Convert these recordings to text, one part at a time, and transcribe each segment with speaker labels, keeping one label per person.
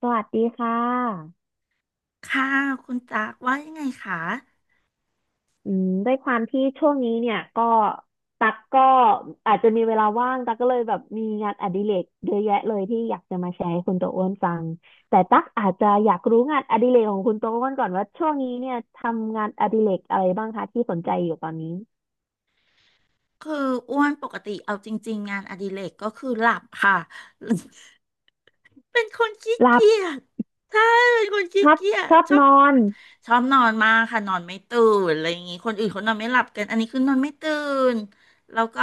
Speaker 1: สวัสดีค่ะ
Speaker 2: ค่ะคุณจากว่ายังไงคะ
Speaker 1: ด้วยความที่ช่วงนี้เนี่ยก็ตักก็อาจจะมีเวลาว่างตักก็เลยแบบมีงานอดิเรกเยอะแยะเลยที่อยากจะมาแชร์ให้คุณโตอ้วนฟังแต่ตักอาจจะอยากรู้งานอดิเรกของคุณโตอ้วนก่อนว่าช่วงนี้เนี่ยทำงานอดิเรกอะไรบ้างคะที่สนใจอยู่ตอนนี้
Speaker 2: คืออ้วนปกติเอาจริงๆงานอดิเรกก็คือหลับค่ะ เป็นคนขี้
Speaker 1: หลับ
Speaker 2: เกียจใช่เป็นคน
Speaker 1: ช
Speaker 2: ขี้
Speaker 1: อบ
Speaker 2: เกีย
Speaker 1: ช
Speaker 2: จ
Speaker 1: อบ
Speaker 2: ชอ
Speaker 1: น
Speaker 2: บ
Speaker 1: อน
Speaker 2: ชอบนอนมากค่ะนอนไม่ตื่นอะไรอย่างงี้คนอื่นเขานอนไม่หลับกันอันนี้คือนอนไม่ตื่นแล้วก็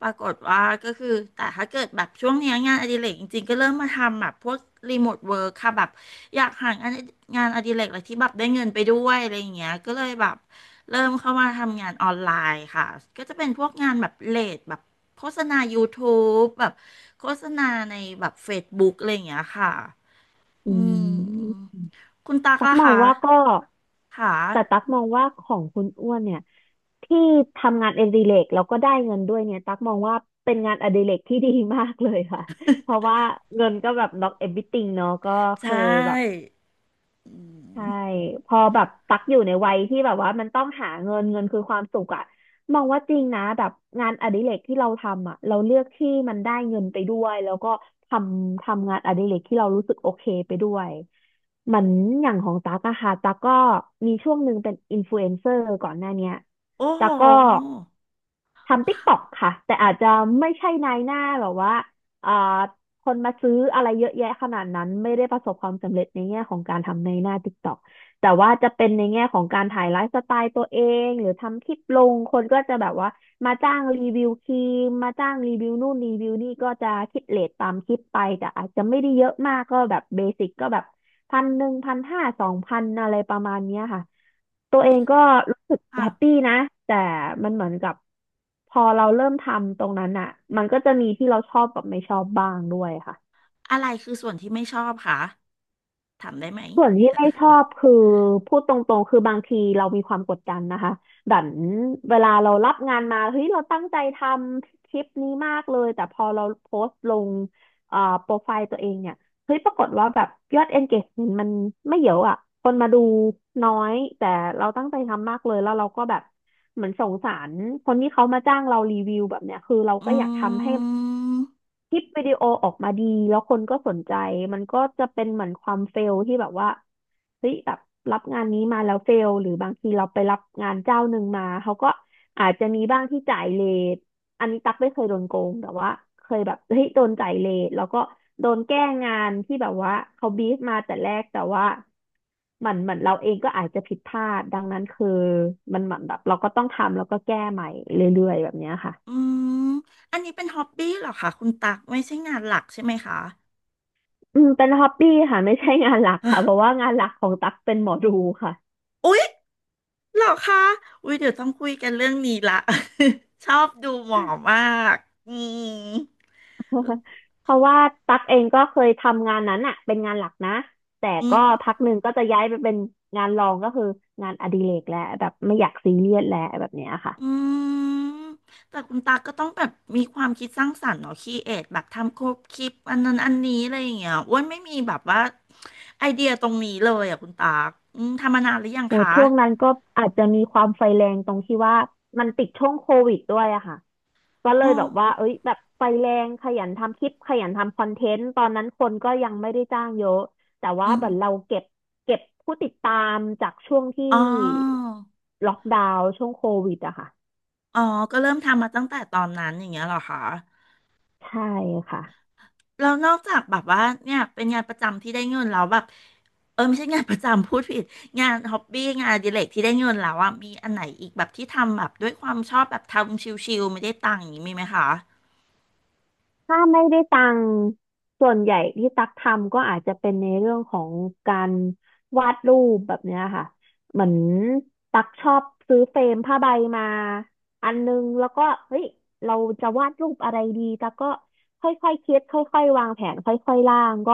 Speaker 2: ปรากฏว่าก็คือแต่ถ้าเกิดแบบช่วงเนี้ยงานอดิเรกจริงๆก็เริ่มมาทำแบบพวกรีโมทเวิร์คค่ะแบบ อยากหางานงานอดิเรกอะไรที่แบบได้เงินไปด้วยอะไรอย่างเงี้ยก็เลยแบบเริ่มเข้ามาทำงานออนไลน์ค่ะก็จะเป็นพวกงานแบบเลดแบบโฆษณา YouTube แบบโฆษณาในแบบ Facebook อะไรอย่างเงี้ยค่ะ อื
Speaker 1: อื
Speaker 2: ม
Speaker 1: ม
Speaker 2: คุณตัก
Speaker 1: ตัก
Speaker 2: ล่ะ
Speaker 1: มอง
Speaker 2: คะ
Speaker 1: ว่าก็
Speaker 2: ค่ะ
Speaker 1: แต่ตักมองว่าของคุณอ้วนเนี่ยที่ทำงานอดิเรกแล้วก็ได้เงินด้วยเนี่ยตักมองว่าเป็นงานอดิเรกที่ดีมากเลยค่ะเพราะว่าเงินก็แบบ not everything เนาะก็
Speaker 2: ใช
Speaker 1: คือแบบ
Speaker 2: ่อื
Speaker 1: ใช่
Speaker 2: ม
Speaker 1: พอแบบตักอยู่ในวัยที่แบบว่ามันต้องหาเงินเงินคือความสุขอะมองว่าจริงนะแบบงานอดิเรกที่เราทำอะเราเลือกที่มันได้เงินไปด้วยแล้วก็ททำงานอดิเรกที่เรารู้สึกโอเคไปด้วยเหมือนอย่างของตักอะค่ะตักก็มีช่วงหนึ่งเป็นอินฟลูเอนเซอร์ก่อนหน้าเนี้ย
Speaker 2: โอ้โห
Speaker 1: ตักก็ทำติ๊กต็อกค่ะแต่อาจจะไม่ใช่นายหน้าแบบว่าเอ่อ คนมาซื้ออะไรเยอะแยะขนาดนั้นไม่ได้ประสบความสำเร็จในแง่ของการทำในหน้า TikTok แต่ว่าจะเป็นในแง่ของการถ่ายไลฟ์สไตล์ตัวเองหรือทำคลิปลงคนก็จะแบบว่ามาจ้างรีวิวครีมมาจ้างรีวิวนู่นรีวิวนี่ก็จะคิดเรทตามคลิปไปแต่อาจจะไม่ได้เยอะมากก็แบบเบสิกก็แบบ1,1001,5002,000อะไรประมาณเนี้ยค่ะ ตัว
Speaker 2: อุ้
Speaker 1: เอ
Speaker 2: ย
Speaker 1: งก็รู้สึก
Speaker 2: ค่ะ
Speaker 1: แฮปปี้นะแต่มันเหมือนกับพอเราเริ่มทำตรงนั้นอ่ะมันก็จะมีที่เราชอบกับไม่ชอบบ้างด้วยค่ะ
Speaker 2: อะไรคือส่วนที่ไม่ชอบคะถามได้ไหม
Speaker 1: ส่วนที่ไม่ชอบคือพูดตรงๆ คือบางทีเรามีความกดดันนะคะดันเวลาเรารับงานมาเฮ้ยเราตั้งใจทำคลิปนี้มากเลยแต่พอเราโพสต์ลงโปรไฟล์ตัวเองเนี่ยเฮ้ยปรากฏว่าแบบยอด engagement มันไม่เยอะอ่ะคนมาดูน้อยแต่เราตั้งใจทำมากเลยแล้วเราก็แบบเหมือนสงสารคนที่เขามาจ้างเรารีวิวแบบเนี้ยคือเรา
Speaker 2: อ
Speaker 1: ก็อยากทำ
Speaker 2: ื
Speaker 1: ให้
Speaker 2: ม
Speaker 1: คลิปวิดีโอออกมาดีแล้วคนก็สนใจมันก็จะเป็นเหมือนความเฟลที่แบบว่าเฮ้ยแบบรับงานนี้มาแล้วเฟลหรือบางทีเราไปรับงานเจ้าหนึ่งมาเขาก็อาจจะมีบ้างที่จ่ายเลทอันนี้ตั๊กไม่เคยโดนโกงแต่ว่าเคยแบบเฮ้ยโดนจ่ายเลทแล้วก็โดนแก้งานที่แบบว่าเขาบีฟมาแต่แรกแต่ว่าเหมือนเราเองก็อาจจะผิดพลาดดังนั้นคือมันเหมือนแบบเราก็ต้องทำแล้วก็แก้ใหม่เรื่อยๆแบบเนี้ยค่ะ
Speaker 2: อืมอันนี้เป็นฮอบบี้เหรอคะคุณตักไม่ใช่งานหลักใช่ไหมคะ
Speaker 1: อืมเป็นฮอบบี้ค่ะ ไม่ใช่งานหลัก
Speaker 2: อ่ะ
Speaker 1: ค่ะเพราะว่างานหลักของตั๊กเป็นหมอดูค่ะ
Speaker 2: อุ๊ยเหรอคะอุ๊ยเดี๋ยวต้องคุยกันเรื่องนี้ละ ชอบดูหมอมากอืม
Speaker 1: เพราะว่าตั๊กเองก็เคยทำงานนั้นอ่ะเป็นงานหลักนะแต่
Speaker 2: อืม
Speaker 1: ก็พักหนึ่งก็จะย้ายไปเป็นงานรองก็คืองานอดิเรกแล้วแบบไม่อยากซีเรียสแล้วแบบเนี้ยค่ะ
Speaker 2: อืมแต่คุณตาก็ต้องแบบมีความคิดสร้างสรรค์เนาะครีเอทแบบทำครบคลิปอันนั้นอันนี้อะไรอย่างเงี้ยอ้วนไม่มีแบบว่าไอเดียตรงนี้เลยอ่ะคุณตักอืมทำมานานหรือยัง
Speaker 1: โห
Speaker 2: คะ
Speaker 1: ช่วงนั้นก็อาจจะมีความไฟแรงตรงที่ว่ามันติดช่วงโควิดด้วยอะค่ะก็เล
Speaker 2: อ๋
Speaker 1: ยแบบว่า
Speaker 2: อ
Speaker 1: เอ้ยแบบไฟแรงขยันทำคลิปขยันทำคอนเทนต์ตอนนั้นคนก็ยังไม่ได้จ้างเยอะแต่
Speaker 2: อื
Speaker 1: ว่า
Speaker 2: ม
Speaker 1: เหมือนเราเก็บผู้ติดตามจากช่วงที่
Speaker 2: อ๋อ
Speaker 1: ล็อกดาวน์ช่วงโควิดอะค่ะ
Speaker 2: อ๋อ ก็เริ่มทำมาตั้งแต่ตอนนั้นอย่างเงี้ยเหรอคะ
Speaker 1: ใช่ค่ะ
Speaker 2: แล้วนอกจากแบบว่าเนี่ยเป็นงานประจำที่ได้เงินแล้วแบบไม่ใช่งานประจำพูดผิดงานฮ็อบบี้งานอดิเรกที่ได้เงินแล้วอ่ะมีอันไหนอีกแบบที่ทำแบบด้วยความชอบแบบทำชิลๆไม่ได้ตังค์อย่างนี้มีไหมคะ
Speaker 1: ถ้าไม่ได้ตังค์ส่วนใหญ่ที่ตักทำก็อาจจะเป็นในเรื่องของการวาดรูปแบบเนี้ยค่ะเหมือนตักชอบซื้อเฟรมผ้าใบมาอันนึงแล้วก็เฮ้ยเราจะวาดรูปอะไรดีตักก็ค่อยๆคิดค่อยๆวางแผนค่อยๆร่างก็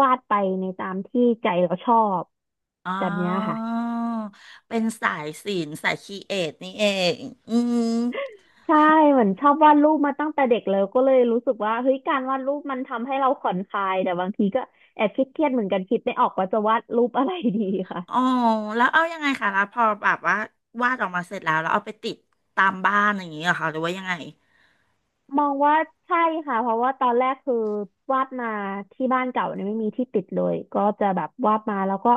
Speaker 1: วาดไปในตามที่ใจเราชอบ
Speaker 2: อ๋อ
Speaker 1: แบบเนี้ยค่ะ
Speaker 2: เป็นสายศิลป์สายครีเอทนี่เองอืม
Speaker 1: ใช่เหมือนชอบวาดรูปมาตั้งแต่เด็กแล้วก็เลยรู้สึกว่าเฮ้ยการวาดรูปมันทำให้เราผ่อนคลายแต่บางทีก็แอบคิดเครียดเหมือนกันคิดไม่ออกว่าจะวาดรูปอะไรดี
Speaker 2: อ๋อ
Speaker 1: ค่ะ
Speaker 2: แล้วเอายังไงคะแล้วพอแบบว่าวาดออกมาเสร็จแล้วแล้วเอาไปติดตามบ้านอย่างนี้เหรอคะหรือว่ายังไง
Speaker 1: มองว่าใช่ค่ะเพราะว่าตอนแรกคือวาดมาที่บ้านเก่าเนี่ยไม่มีที่ติดเลยก็จะแบบวาดมาแล้วก็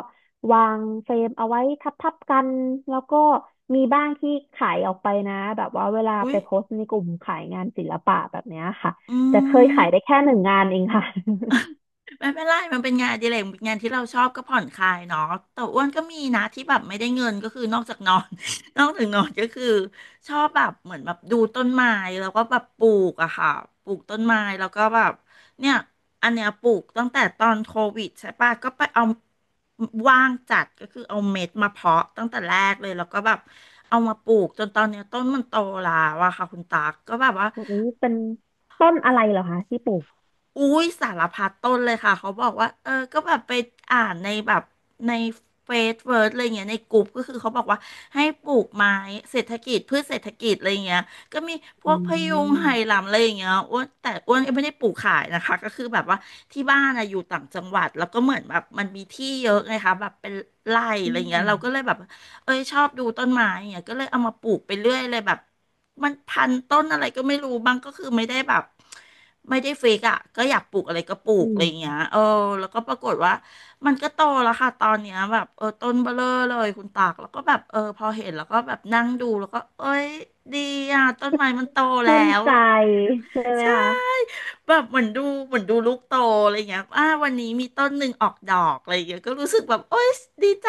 Speaker 1: วางเฟรมเอาไว้ทับๆกันแล้วก็มีบ้างที่ขายออกไปนะแบบว่าเวลา
Speaker 2: อุ้
Speaker 1: ไป
Speaker 2: ย
Speaker 1: โพสต์ในกลุ่มขายงานศิลปะแบบเนี้ยค่ะ
Speaker 2: อื
Speaker 1: แต่เคย
Speaker 2: ม
Speaker 1: ขายได้แค่หนึ่งงานเองค่ะ
Speaker 2: ไม่เป็นไรมันเป็นงานอดิเรกงานที่เราชอบก็ผ่อนคลายเนาะแต่อ้วนก็มีนะที่แบบไม่ได้เงินก็คือนอกจากนอน นอกจากนอนก็คือชอบแบบเหมือนแบบดูต้นไม้แล้วก็แบบปลูกอะค่ะปลูกต้นไม้แล้วก็แบบเนี่ยอันเนี้ยปลูกตั้งแต่ตอนโควิดใช่ปะก็ไปเอาว่างจัดก็คือเอาเม็ดมาเพาะตั้งแต่แรกเลยแล้วก็แบบเอามาปลูกจนตอนเนี้ยต้นมันโตแล้วอะค่ะคุณตากก็แบบว่า
Speaker 1: โอ้ยเป็นต้นอะไรเหรอคะที่ปลูก
Speaker 2: อุ้ยสารพัดต้นเลยค่ะเขาบอกว่าก็แบบไปอ่านในแบบในเฟซเวิร์ดอะไรเงี้ยในกลุ่มก็คือเขาบอกว่าให้ปลูกไม้เศรษฐกิจพืชเศรษฐกิจอะไรเงี้ยก็มีพ
Speaker 1: อื
Speaker 2: วกพะยุงไหห
Speaker 1: ม
Speaker 2: ลำอะไรอย่างเงี้ยอ้วนแต่อ้วนก็ไม่ได้ปลูกขายนะคะก็คือแบบว่าที่บ้านอะอยู่ต่างจังหวัดแล้วก็เหมือนแบบมันมีที่เยอะไงคะแบบเป็นไร่อะ
Speaker 1: อื
Speaker 2: ไรเงี้ยเราก็เลย
Speaker 1: ม
Speaker 2: แบบเอ้ยชอบดูต้นไม้อย่างเงี้ยก็เลยเอามาปลูกไปเรื่อยเลยแบบ มันพันต้นอะไรก็ไม่รู้บางก็คือไม่ได้แบบไม่ได้เฟกอ่ะก็อยากปลูกอะไรก็ปลู
Speaker 1: อื
Speaker 2: กอะไร
Speaker 1: ม
Speaker 2: อย่างเงี้ยแล้วก็ปรากฏว่ามันก็โตแล้วค่ะตอนเนี้ยแบบต้นเบ้อเร่อเลยคุณตากแล้วก็แบบพอเห็นแล้วก็แบบนั่งดูแล้วก็เอ้ยดีอ่ะต้นไม้มันโตแล้
Speaker 1: ชื่น
Speaker 2: ว
Speaker 1: ใจใช่ไหม
Speaker 2: ใช่
Speaker 1: คะ
Speaker 2: แบบเหมือนดูเหมือนดูลูกโตอะไรเงี้ยวันนี้มีต้นหนึ่งออกดอกอะไรเงี้ยก็รู้สึกแบบโอ๊ยดีใจ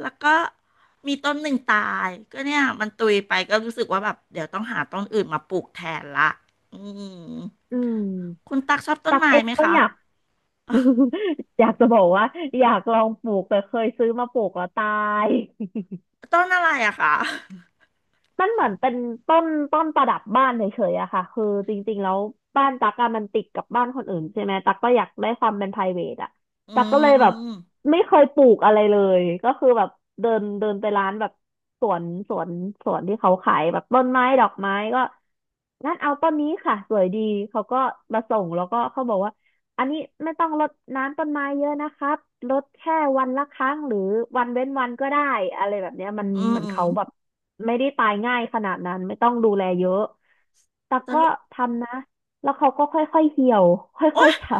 Speaker 2: แล้วก็มีต้นหนึ่งตายก็เนี่ยมันตุยไปก็รู้สึกว่าแบบเดี๋ยวต้องหาต้นอื่นมาปลูกแทนละอืม
Speaker 1: อืม
Speaker 2: คุณตักชอบต้น
Speaker 1: ตัก
Speaker 2: ไม้
Speaker 1: เอง
Speaker 2: ไหม
Speaker 1: ก็
Speaker 2: คะ
Speaker 1: อยาก อยากจะบอกว่าอยากลองปลูกแต่เคยซื้อมาปลูกแล้วตาย
Speaker 2: ต้นอะไรอะคะ
Speaker 1: มันเหมือนเป็นต้นประดับบ้านเฉยๆอะค่ะคือจริงๆแล้วบ้านตั๊กอะมันติดกับบ้านคนอื่นใช่ไหมตั๊กก็อยากได้ความเป็น private อะ
Speaker 2: อื
Speaker 1: ตั๊กก็
Speaker 2: ม
Speaker 1: เลย
Speaker 2: อื
Speaker 1: แบบไม่เคยปลูกอะไรเลยก็คือแบบเดินเดินไปร้านแบบสวนสวนสวนที่เขาขายแบบต้นไม้ดอกไม้ก็งั้นเอาต้นนี้ค่ะสวยดีเขาก็มาส่งแล้วก็เขาบอกว่า อันนี้ไม่ต้องรดน้ำต้นไม้เยอะนะครับรดแค่วันละครั้งหรือวันเว้นวันก็ได้อะไรแบบเนี้ยมัน
Speaker 2: มอื
Speaker 1: เหมือ
Speaker 2: ม
Speaker 1: นเขาแบบไม่ได้ตายง่ายขนาดนั้นไม่ต้องดูแลเยอะแต่
Speaker 2: ส
Speaker 1: ก็
Speaker 2: รุป
Speaker 1: ทำนะแล้วเขาก็ค่อยๆเหี่ยวค่
Speaker 2: โอ๊
Speaker 1: อย
Speaker 2: ย
Speaker 1: ๆเฉา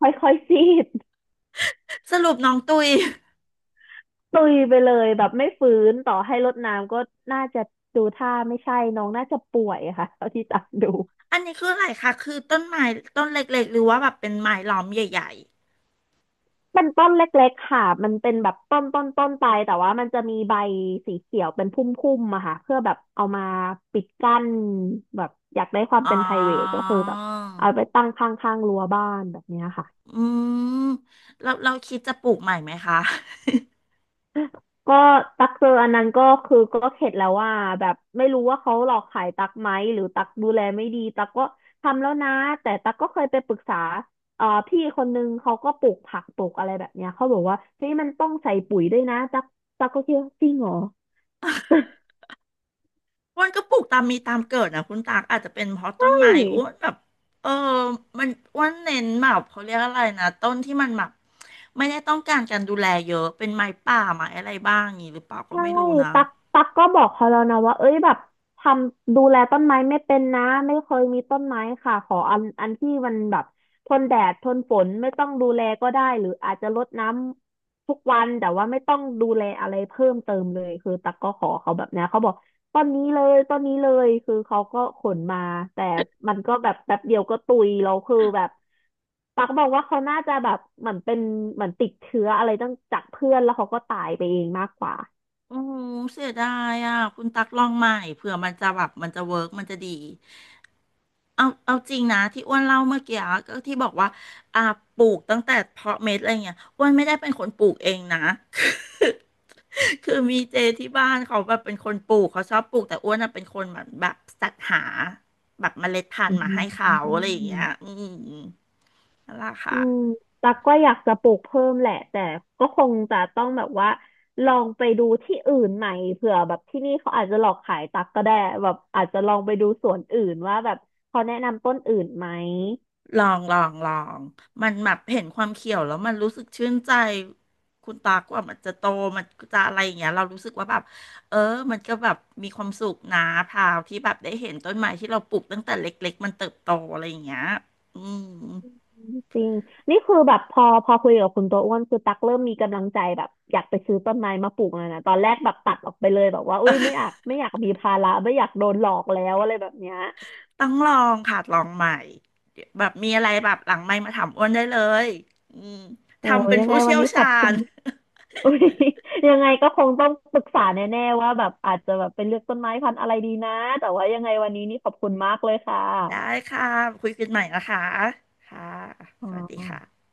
Speaker 1: ค่อยๆซีด
Speaker 2: สรุปน้องตุย
Speaker 1: ตุยไปเลยแบบไม่ฟื้นต่อให้รดน้ำก็น่าจะดูท่าไม่ใช่น้องน่าจะป่วยค่ะเท่าที่ตามดู
Speaker 2: อันนี้คืออะไรคะคือต้นไม้ต้นเล็กๆหรือว่าแบบเป็นไม้ล้อมใหญ่
Speaker 1: เป็นต้นเล็กๆค่ะมันเป็นแบบต้นไปแต่ว่ามันจะมีใบสีเขียวเป็นพุ่มๆอะค่ะเพื่อแบบเอามาปิดกั้นแบบอยากได้ความ
Speaker 2: อ๋อ
Speaker 1: เป็น private ก็คือแบบเอาไปตั้งข้างๆรั้วบ้านแบบเนี้ยค่ะ
Speaker 2: อืมเราเราคิดจะปลูกใหม่ไหมคะ
Speaker 1: ก็ตักเจออันนั้นก็คือก็เข็ดแล้วว่าแบบไม่รู้ว่าเขาหลอกขายตักไหมหรือตักดูแลไม่ดีตักก็ทำแล้วนะแต่ตักก็เคยไปปรึกษาพี่คนนึงเขาก็ปลูกผักปลูกอะไรแบบเนี้ยเขาบอกว่าเฮ้ยมันต้องใส่ปุ๋ยด้วยนะตักก็คิดว่าจริงเหรอ
Speaker 2: อ้วนก็ปลูกตามมีตามเกิดนะคุณตากอาจจะเป็นเพราะต้นไม้อ้
Speaker 1: ย
Speaker 2: วนแบบเออมันอ้วนเน้นแบบเขาเรียกอะไรนะต้นที่มันแบบไม่ได้ต้องการการดูแลเยอะเป็นไม้ป่าไม้อะไรบ้างอย่างนี้หรือเปล่าก็
Speaker 1: ใช่
Speaker 2: ไม่รู้นะ
Speaker 1: ตักก็บอกเขาแล้วนะว่าเอ้ยแบบทำดูแลต้นไม้ไม่เป็นนะไม่เคยมีต้นไม้ค่ะขออันที่มันแบบทนแดดทนฝนไม่ต้องดูแลก็ได้หรืออาจจะรดน้ำทุกวันแต่ว่าไม่ต้องดูแลอะไรเพิ่มเติมเลยคือตักก็ขอเขาแบบนี้เขาบอกต้นนี้เลยคือเขาก็ขนมาแต่มันก็แบบแป๊บเดียวก็ตุยเราคือแบบตักบอกว่าเขาน่าจะแบบเหมือนเป็นเหมือนติดเชื้ออะไรตั้งจากเพื่อนแล้วเขาก็ตายไปเองมากกว่า
Speaker 2: โอ้เสียดายอ่ะคุณตักลองใหม่เผื่อมันจะแบบมันจะเวิร์กมันจะดี เอาเอาจริงนะที่อ้วนเล่าเมื่อกี้อะก็ที่บอกว่าอ่าปลูกตั้งแต่เพาะเม็ดอะไรเงี้ยอ้วนไม่ได้เป็นคนปลูกเองนะ คือคือมีเจที่บ้านเขาแบบเป็นคนปลูกเขาชอบปลูกแต่อ้วนน่ะเป็นคนแบบแบบสรรหาแบบเมล็ดพัน
Speaker 1: อื
Speaker 2: ธุ์มาให้
Speaker 1: ม
Speaker 2: เขาอะไรอย่างเงี้ยอืมนั่นแหละ
Speaker 1: อื
Speaker 2: ค่ะ
Speaker 1: มตักก็อยากจะปลูกเพิ่มแหละแต่ก็คงจะต้องแบบว่าลองไปดูที่อื่นใหม่เผื่อแบบที่นี่เขาอาจจะหลอกขายตักก็ได้แบบอาจจะลองไปดูสวนอื่นว่าแบบเขาแนะนำต้นอื่นไหม
Speaker 2: ลองลองลอง มันแบบเห็นความเขียวแล้วมันรู้สึกชื่นใจ คุณตากว่ามันจะโตมันจะอะไรอย่างเงี้ยเรารู้สึกว่าแบบเออมันก็แบบมีความสุขนะพราวที่แบบได้เห็นต้นไม้ที่เราปลูกตั้งแต่เล็กๆมันเติบโตอะไรอย่างเงี้ยอืม
Speaker 1: จริงนี่คือแบบพอคุยกับคุณตัวอ้วนคือตักเริ่มมีกำลังใจแบบอยากไปซื้อต้นไม้มาปลูกแล้วนะตอนแรกแบบตัดออกไปเลยแบบว่าอุ้ยไม่อยากมีภาระไม่อยากโดนหลอกแล้วอะไรแบบเนี้ย
Speaker 2: ต้องลองค่ะลองใหม่เดี๋ยวแบบมีอะไรแบบหลังไมค์มาถามอ้วนได้เลยอืม
Speaker 1: โอ้
Speaker 2: ทำเป็น
Speaker 1: ยัง
Speaker 2: ผู้
Speaker 1: ไงวั
Speaker 2: เชี่
Speaker 1: น
Speaker 2: ยว
Speaker 1: นี้ข
Speaker 2: ชา
Speaker 1: อบคุ
Speaker 2: ญ
Speaker 1: ณ อุ๊ย ยังไงก็คงต้องปรึกษาแน่ๆว่าแบบอาจจะแบบไปเลือกต้นไม้พันธุ์อะไรดีนะแต่ว่ายังไงวันนี้นี่ขอบคุณมากเลยค่ะ
Speaker 2: ได้ค่ะคุยกันใหม่นะคะค่ะ
Speaker 1: อ๋อ
Speaker 2: สวัสดีค่ะ